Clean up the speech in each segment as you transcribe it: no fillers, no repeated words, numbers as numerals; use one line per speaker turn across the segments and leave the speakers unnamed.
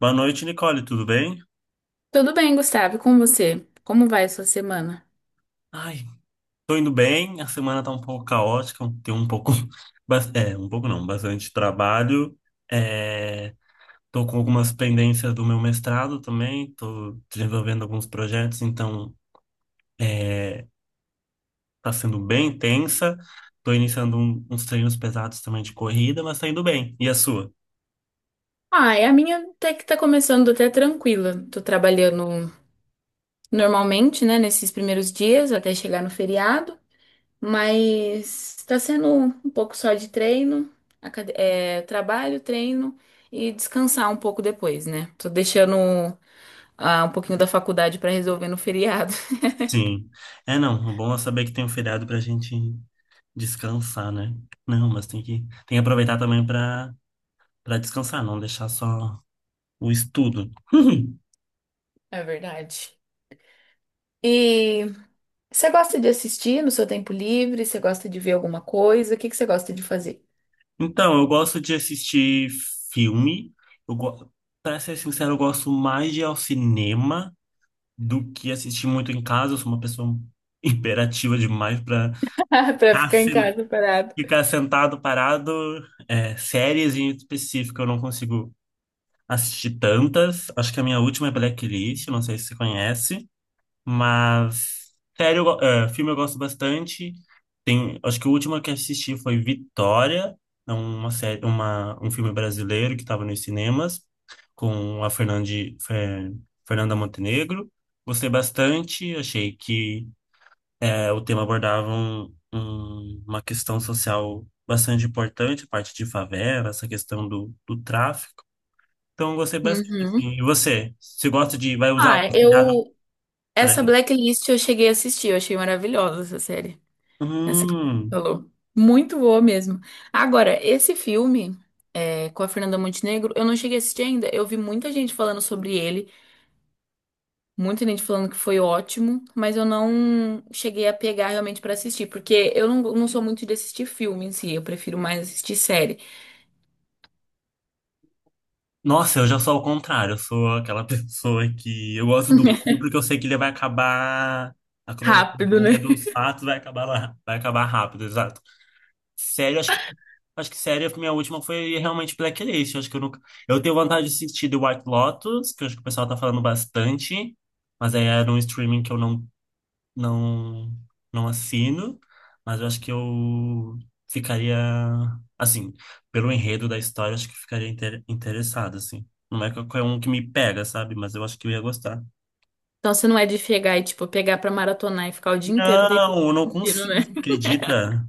Boa noite, Nicole, tudo bem?
Tudo bem, Gustavo, e com você? Como vai a sua semana?
Ai, tô indo bem, a semana tá um pouco caótica, tem um pouco, um pouco não, bastante trabalho, é, tô com algumas pendências do meu mestrado também, tô desenvolvendo alguns projetos, então é, tá sendo bem intensa, tô iniciando uns treinos pesados também de corrida, mas tá indo bem, e a sua?
Ah, é a minha até que tá começando até tranquila. Tô trabalhando normalmente, né, nesses primeiros dias até chegar no feriado, mas tá sendo um pouco só de treino, trabalho, treino e descansar um pouco depois, né? Tô deixando um pouquinho da faculdade pra resolver no feriado.
Sim, é não, o bom é saber que tem um feriado pra gente descansar, né? Não, mas tem que aproveitar também pra para descansar, não deixar só o estudo.
É verdade. E você gosta de assistir no seu tempo livre? Você gosta de ver alguma coisa? O que que você gosta de fazer?
Então, eu gosto de assistir filme. Eu go... Para ser sincero, eu gosto mais de ir ao cinema do que assistir muito em casa. Eu sou uma pessoa imperativa demais para
Pra ficar em casa parado.
ficar sentado, parado. É, séries em específico, eu não consigo assistir tantas. Acho que a minha última é Blacklist, não sei se você conhece. Mas sério, filme eu gosto bastante. Tem, acho que o último que assisti foi Vitória, é um filme brasileiro que estava nos cinemas com a Fernanda Montenegro. Gostei bastante, achei que é, o tema abordava uma questão social bastante importante, a parte de favela, essa questão do tráfico. Então, eu gostei bastante,
Uhum.
assim. E você? Você gosta de... Vai usar o
Ah,
cuidado
eu.
para
Essa
ele?
Blacklist eu cheguei a assistir, eu achei maravilhosa essa série. Essa que você
Hum.
falou. Muito boa mesmo. Agora, esse filme com a Fernanda Montenegro, eu não cheguei a assistir ainda. Eu vi muita gente falando sobre ele. Muita gente falando que foi ótimo, mas eu não cheguei a pegar realmente pra assistir, porque eu não, não sou muito de assistir filme em si, eu prefiro mais assistir série.
Nossa, eu já sou ao contrário. Eu sou aquela pessoa que eu gosto do filme porque eu sei que ele vai acabar. A
Rápido,
cronologia
né?
dos fatos vai acabar lá, vai acabar rápido, exato. Sério, acho que sério, a minha última foi realmente Blacklist. Acho que eu nunca. Eu tenho vontade de assistir The White Lotus, que eu acho que o pessoal tá falando bastante, mas aí era um streaming que eu não não assino, mas eu acho que eu ficaria assim, pelo enredo da história, acho que eu ficaria interessado assim. Não é qualquer um que me pega, sabe? Mas eu acho que eu ia gostar.
Então você não é de chegar e, tipo, pegar pra maratonar e ficar o dia inteiro deitado
Não, eu não
assistindo,
consigo,
né?
você acredita?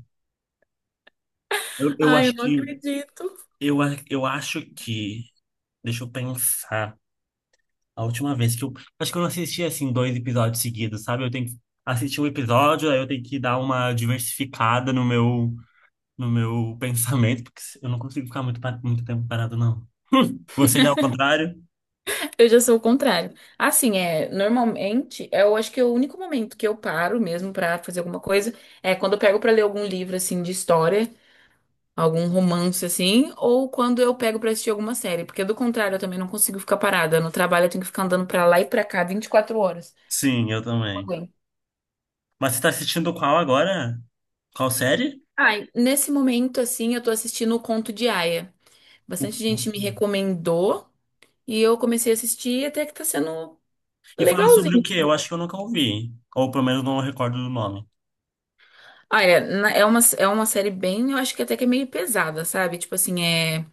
Eu, eu
Ai, eu
acho
não
que
acredito.
eu acho que deixa eu pensar. A última vez que eu acho que eu não assisti assim dois episódios seguidos, sabe? Eu tenho que assistir um episódio, aí eu tenho que dar uma diversificada no meu pensamento, porque eu não consigo ficar muito tempo parado, não. Você já é o contrário?
Eu já sou o contrário. Assim, normalmente, eu acho que é o único momento que eu paro mesmo pra fazer alguma coisa é quando eu pego pra ler algum livro, assim, de história. Algum romance assim, ou quando eu pego pra assistir alguma série, porque do contrário eu também não consigo ficar parada. No trabalho eu tenho que ficar andando pra lá e pra cá 24 horas.
Sim, eu
Não
também.
aguento.
Mas você tá assistindo qual agora? Qual série?
Ai, nesse momento assim, eu tô assistindo o Conto de Aia.
O-
Bastante
o-
gente me recomendou e eu comecei a assistir e até que tá sendo
E fala sobre o
legalzinho
quê? Eu
assim.
acho que eu nunca ouvi. Ou pelo menos não recordo do nome.
Olha, é uma série bem, eu acho que até que é meio pesada, sabe? Tipo assim, é.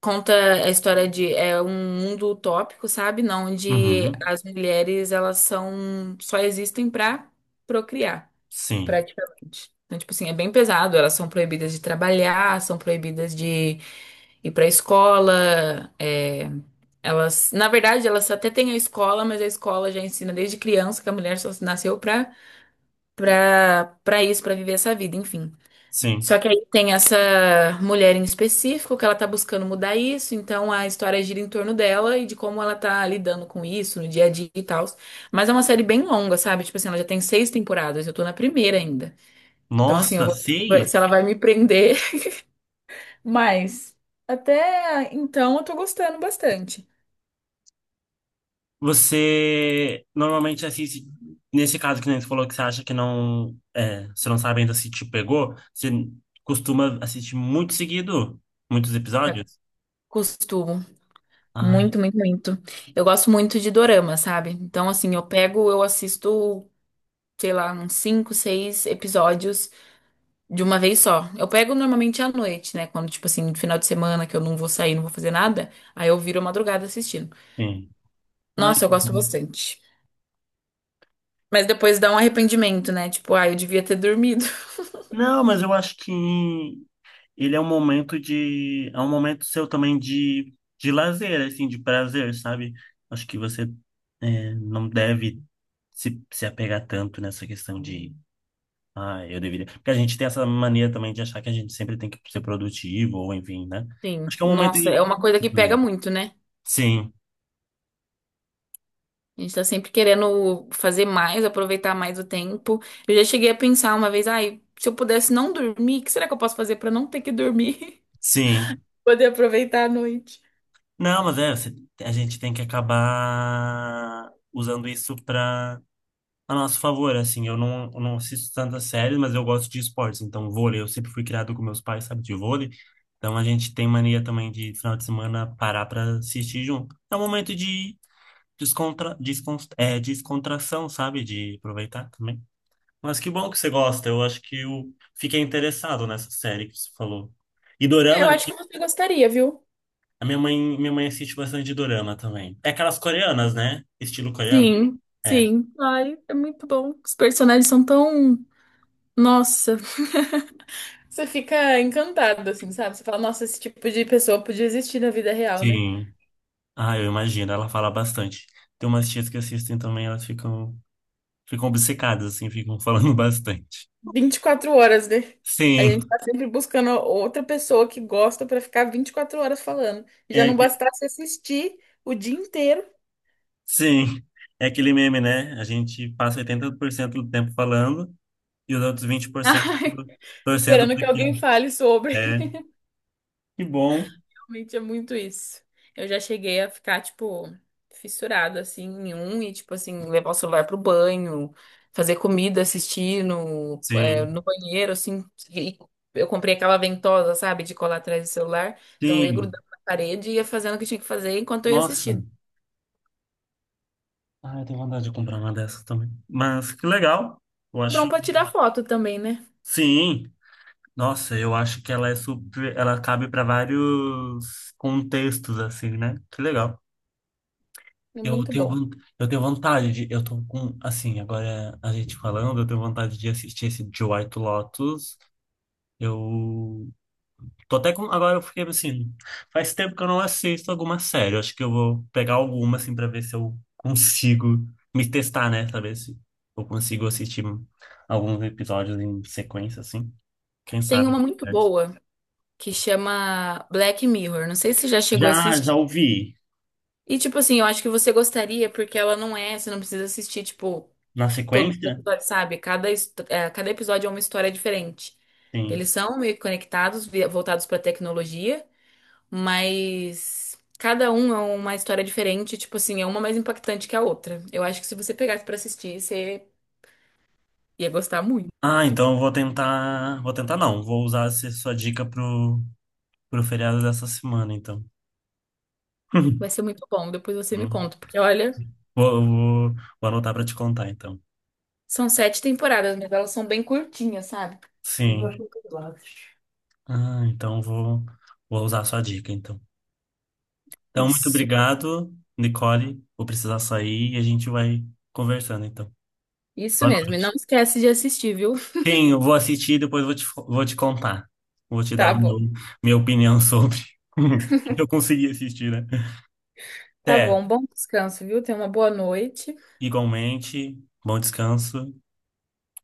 Conta a história de um mundo utópico, sabe? Não, onde
Uhum.
as mulheres elas são só existem pra procriar,
Sim,
praticamente. Então, tipo assim, é bem pesado. Elas são proibidas de trabalhar, são proibidas de ir pra escola. Elas, na verdade, elas até têm a escola, mas a escola já ensina desde criança que a mulher só nasceu pra para para isso, pra viver essa vida, enfim.
sim.
Só que aí tem essa mulher em específico que ela tá buscando mudar isso, então a história gira em torno dela e de como ela tá lidando com isso no dia a dia e tal. Mas é uma série bem longa, sabe? Tipo assim, ela já tem 6 temporadas, eu tô na primeira ainda. Então, assim,
Nossa, seis?
se ela vai me prender. Mas até então eu tô gostando bastante.
Você normalmente assiste. Nesse caso que nem você falou que você acha que não. É, você não sabe ainda se te pegou, você costuma assistir muito seguido, muitos episódios?
Costumo.
Ai,
Muito, muito, muito. Eu gosto muito de dorama, sabe? Então, assim, eu pego, eu assisto, sei lá, uns cinco, seis episódios de uma vez só. Eu pego normalmente à noite, né? Quando, tipo assim, no final de semana que eu não vou sair, não vou fazer nada, aí eu viro a madrugada assistindo.
sim. Ai,
Nossa, eu
que
gosto
bom.
bastante. Mas depois dá um arrependimento, né? Tipo, ah, eu devia ter dormido.
Não, mas eu acho que ele é é um momento seu também de lazer, assim, de prazer, sabe? Acho que você é, não deve se apegar tanto nessa questão de, ah, eu deveria. Porque a gente tem essa mania também de achar que a gente sempre tem que ser produtivo, ou enfim, né?
Sim.
Acho que é um momento
Nossa, é
de
uma coisa que pega
também.
muito, né?
Sim,
A gente tá sempre querendo fazer mais, aproveitar mais o tempo. Eu já cheguei a pensar uma vez, ai, se eu pudesse não dormir, o que será que eu posso fazer pra não ter que dormir?
sim.
Poder aproveitar a noite.
Não, mas é, a gente tem que acabar usando isso para a nosso favor, assim, eu não assisto tantas séries, mas eu gosto de esportes, então vôlei, eu sempre fui criado com meus pais, sabe, de vôlei, então a gente tem mania também de, final de semana, parar pra assistir junto. É um momento de descontração, sabe, de aproveitar também. Mas que bom que você gosta, eu acho que eu fiquei interessado nessa série que você falou. E
É,
dorama,
eu acho que você gostaria, viu?
minha mãe assiste bastante dorama também. É aquelas coreanas, né? Estilo coreano?
Sim,
É.
sim. Ai, é muito bom. Os personagens são tão. Nossa. Você fica encantado, assim, sabe? Você fala, nossa, esse tipo de pessoa podia existir na vida real, né?
Sim. Ah, eu imagino, ela fala bastante. Tem umas tias que assistem também, ficam obcecadas, assim, ficam falando bastante.
24 horas, né? A
Sim,
gente tá sempre buscando outra pessoa que gosta pra ficar 24 horas falando. E já
é,
não
que-
bastasse assistir o dia inteiro,
sim, é aquele meme, né? A gente passa 80% do tempo falando e os outros vinte por cento
ai,
torcendo
esperando
para
que alguém
que...
fale sobre.
É, que bom.
Realmente é muito isso. Eu já cheguei a ficar, tipo, fissurada, assim, em um e, tipo, assim, levar o celular pro banho, fazer comida, assistir no,
Sim,
no banheiro, assim. E eu comprei aquela ventosa, sabe, de colar atrás do celular. Então eu ia
sim.
grudando na parede e ia fazendo o que tinha que fazer enquanto eu ia
Nossa,
assistindo.
ah, eu tenho vontade de comprar uma dessas também. Mas que legal, eu
É
acho.
bom pra tirar foto também, né?
Sim. Nossa, eu acho que ela é super, ela cabe para vários contextos assim, né? Que legal.
É
Eu
muito
tenho,
bom.
von- eu tenho vontade de, eu tô com, assim, agora a gente falando, eu tenho vontade de assistir esse de White Lotus. Eu tô até com, agora eu fiquei assim, faz tempo que eu não assisto alguma série. Eu acho que eu vou pegar alguma assim para ver se eu consigo me testar, né? Saber se eu consigo assistir alguns episódios em sequência assim. Quem
Tem
sabe,
uma muito
né?
boa que chama Black Mirror. Não sei se você já chegou a
Já,
assistir.
já ouvi.
E, tipo assim, eu acho que você gostaria, porque ela não é, você não precisa assistir, tipo,
Na
todos os
sequência?
episódios, sabe? Cada episódio é uma história diferente. Eles
Sim.
são meio conectados, voltados pra tecnologia, mas cada um é uma história diferente, tipo assim, é uma mais impactante que a outra. Eu acho que se você pegasse pra assistir, você ia gostar muito.
Ah, então eu vou tentar. Vou tentar não. Vou usar essa sua dica pro feriado dessa semana, então.
Vai ser muito bom, depois você me
Hum.
conta, porque olha,
Vou, vou, vou anotar para te contar, então.
são 7 temporadas, mas elas são bem curtinhas, sabe?
Sim. Ah, então vou usar a sua dica, então. Então, muito
Isso,
obrigado, Nicole. Vou precisar sair e a gente vai conversando, então.
isso
Boa
mesmo. E não
noite.
esquece de assistir, viu?
Sim, eu vou assistir e depois vou te contar. Vou te
Tá
dar meu,
bom.
minha opinião sobre. Se eu conseguir assistir, né?
Tá
Até.
bom, bom descanso, viu? Tenha uma boa noite.
Igualmente, bom descanso.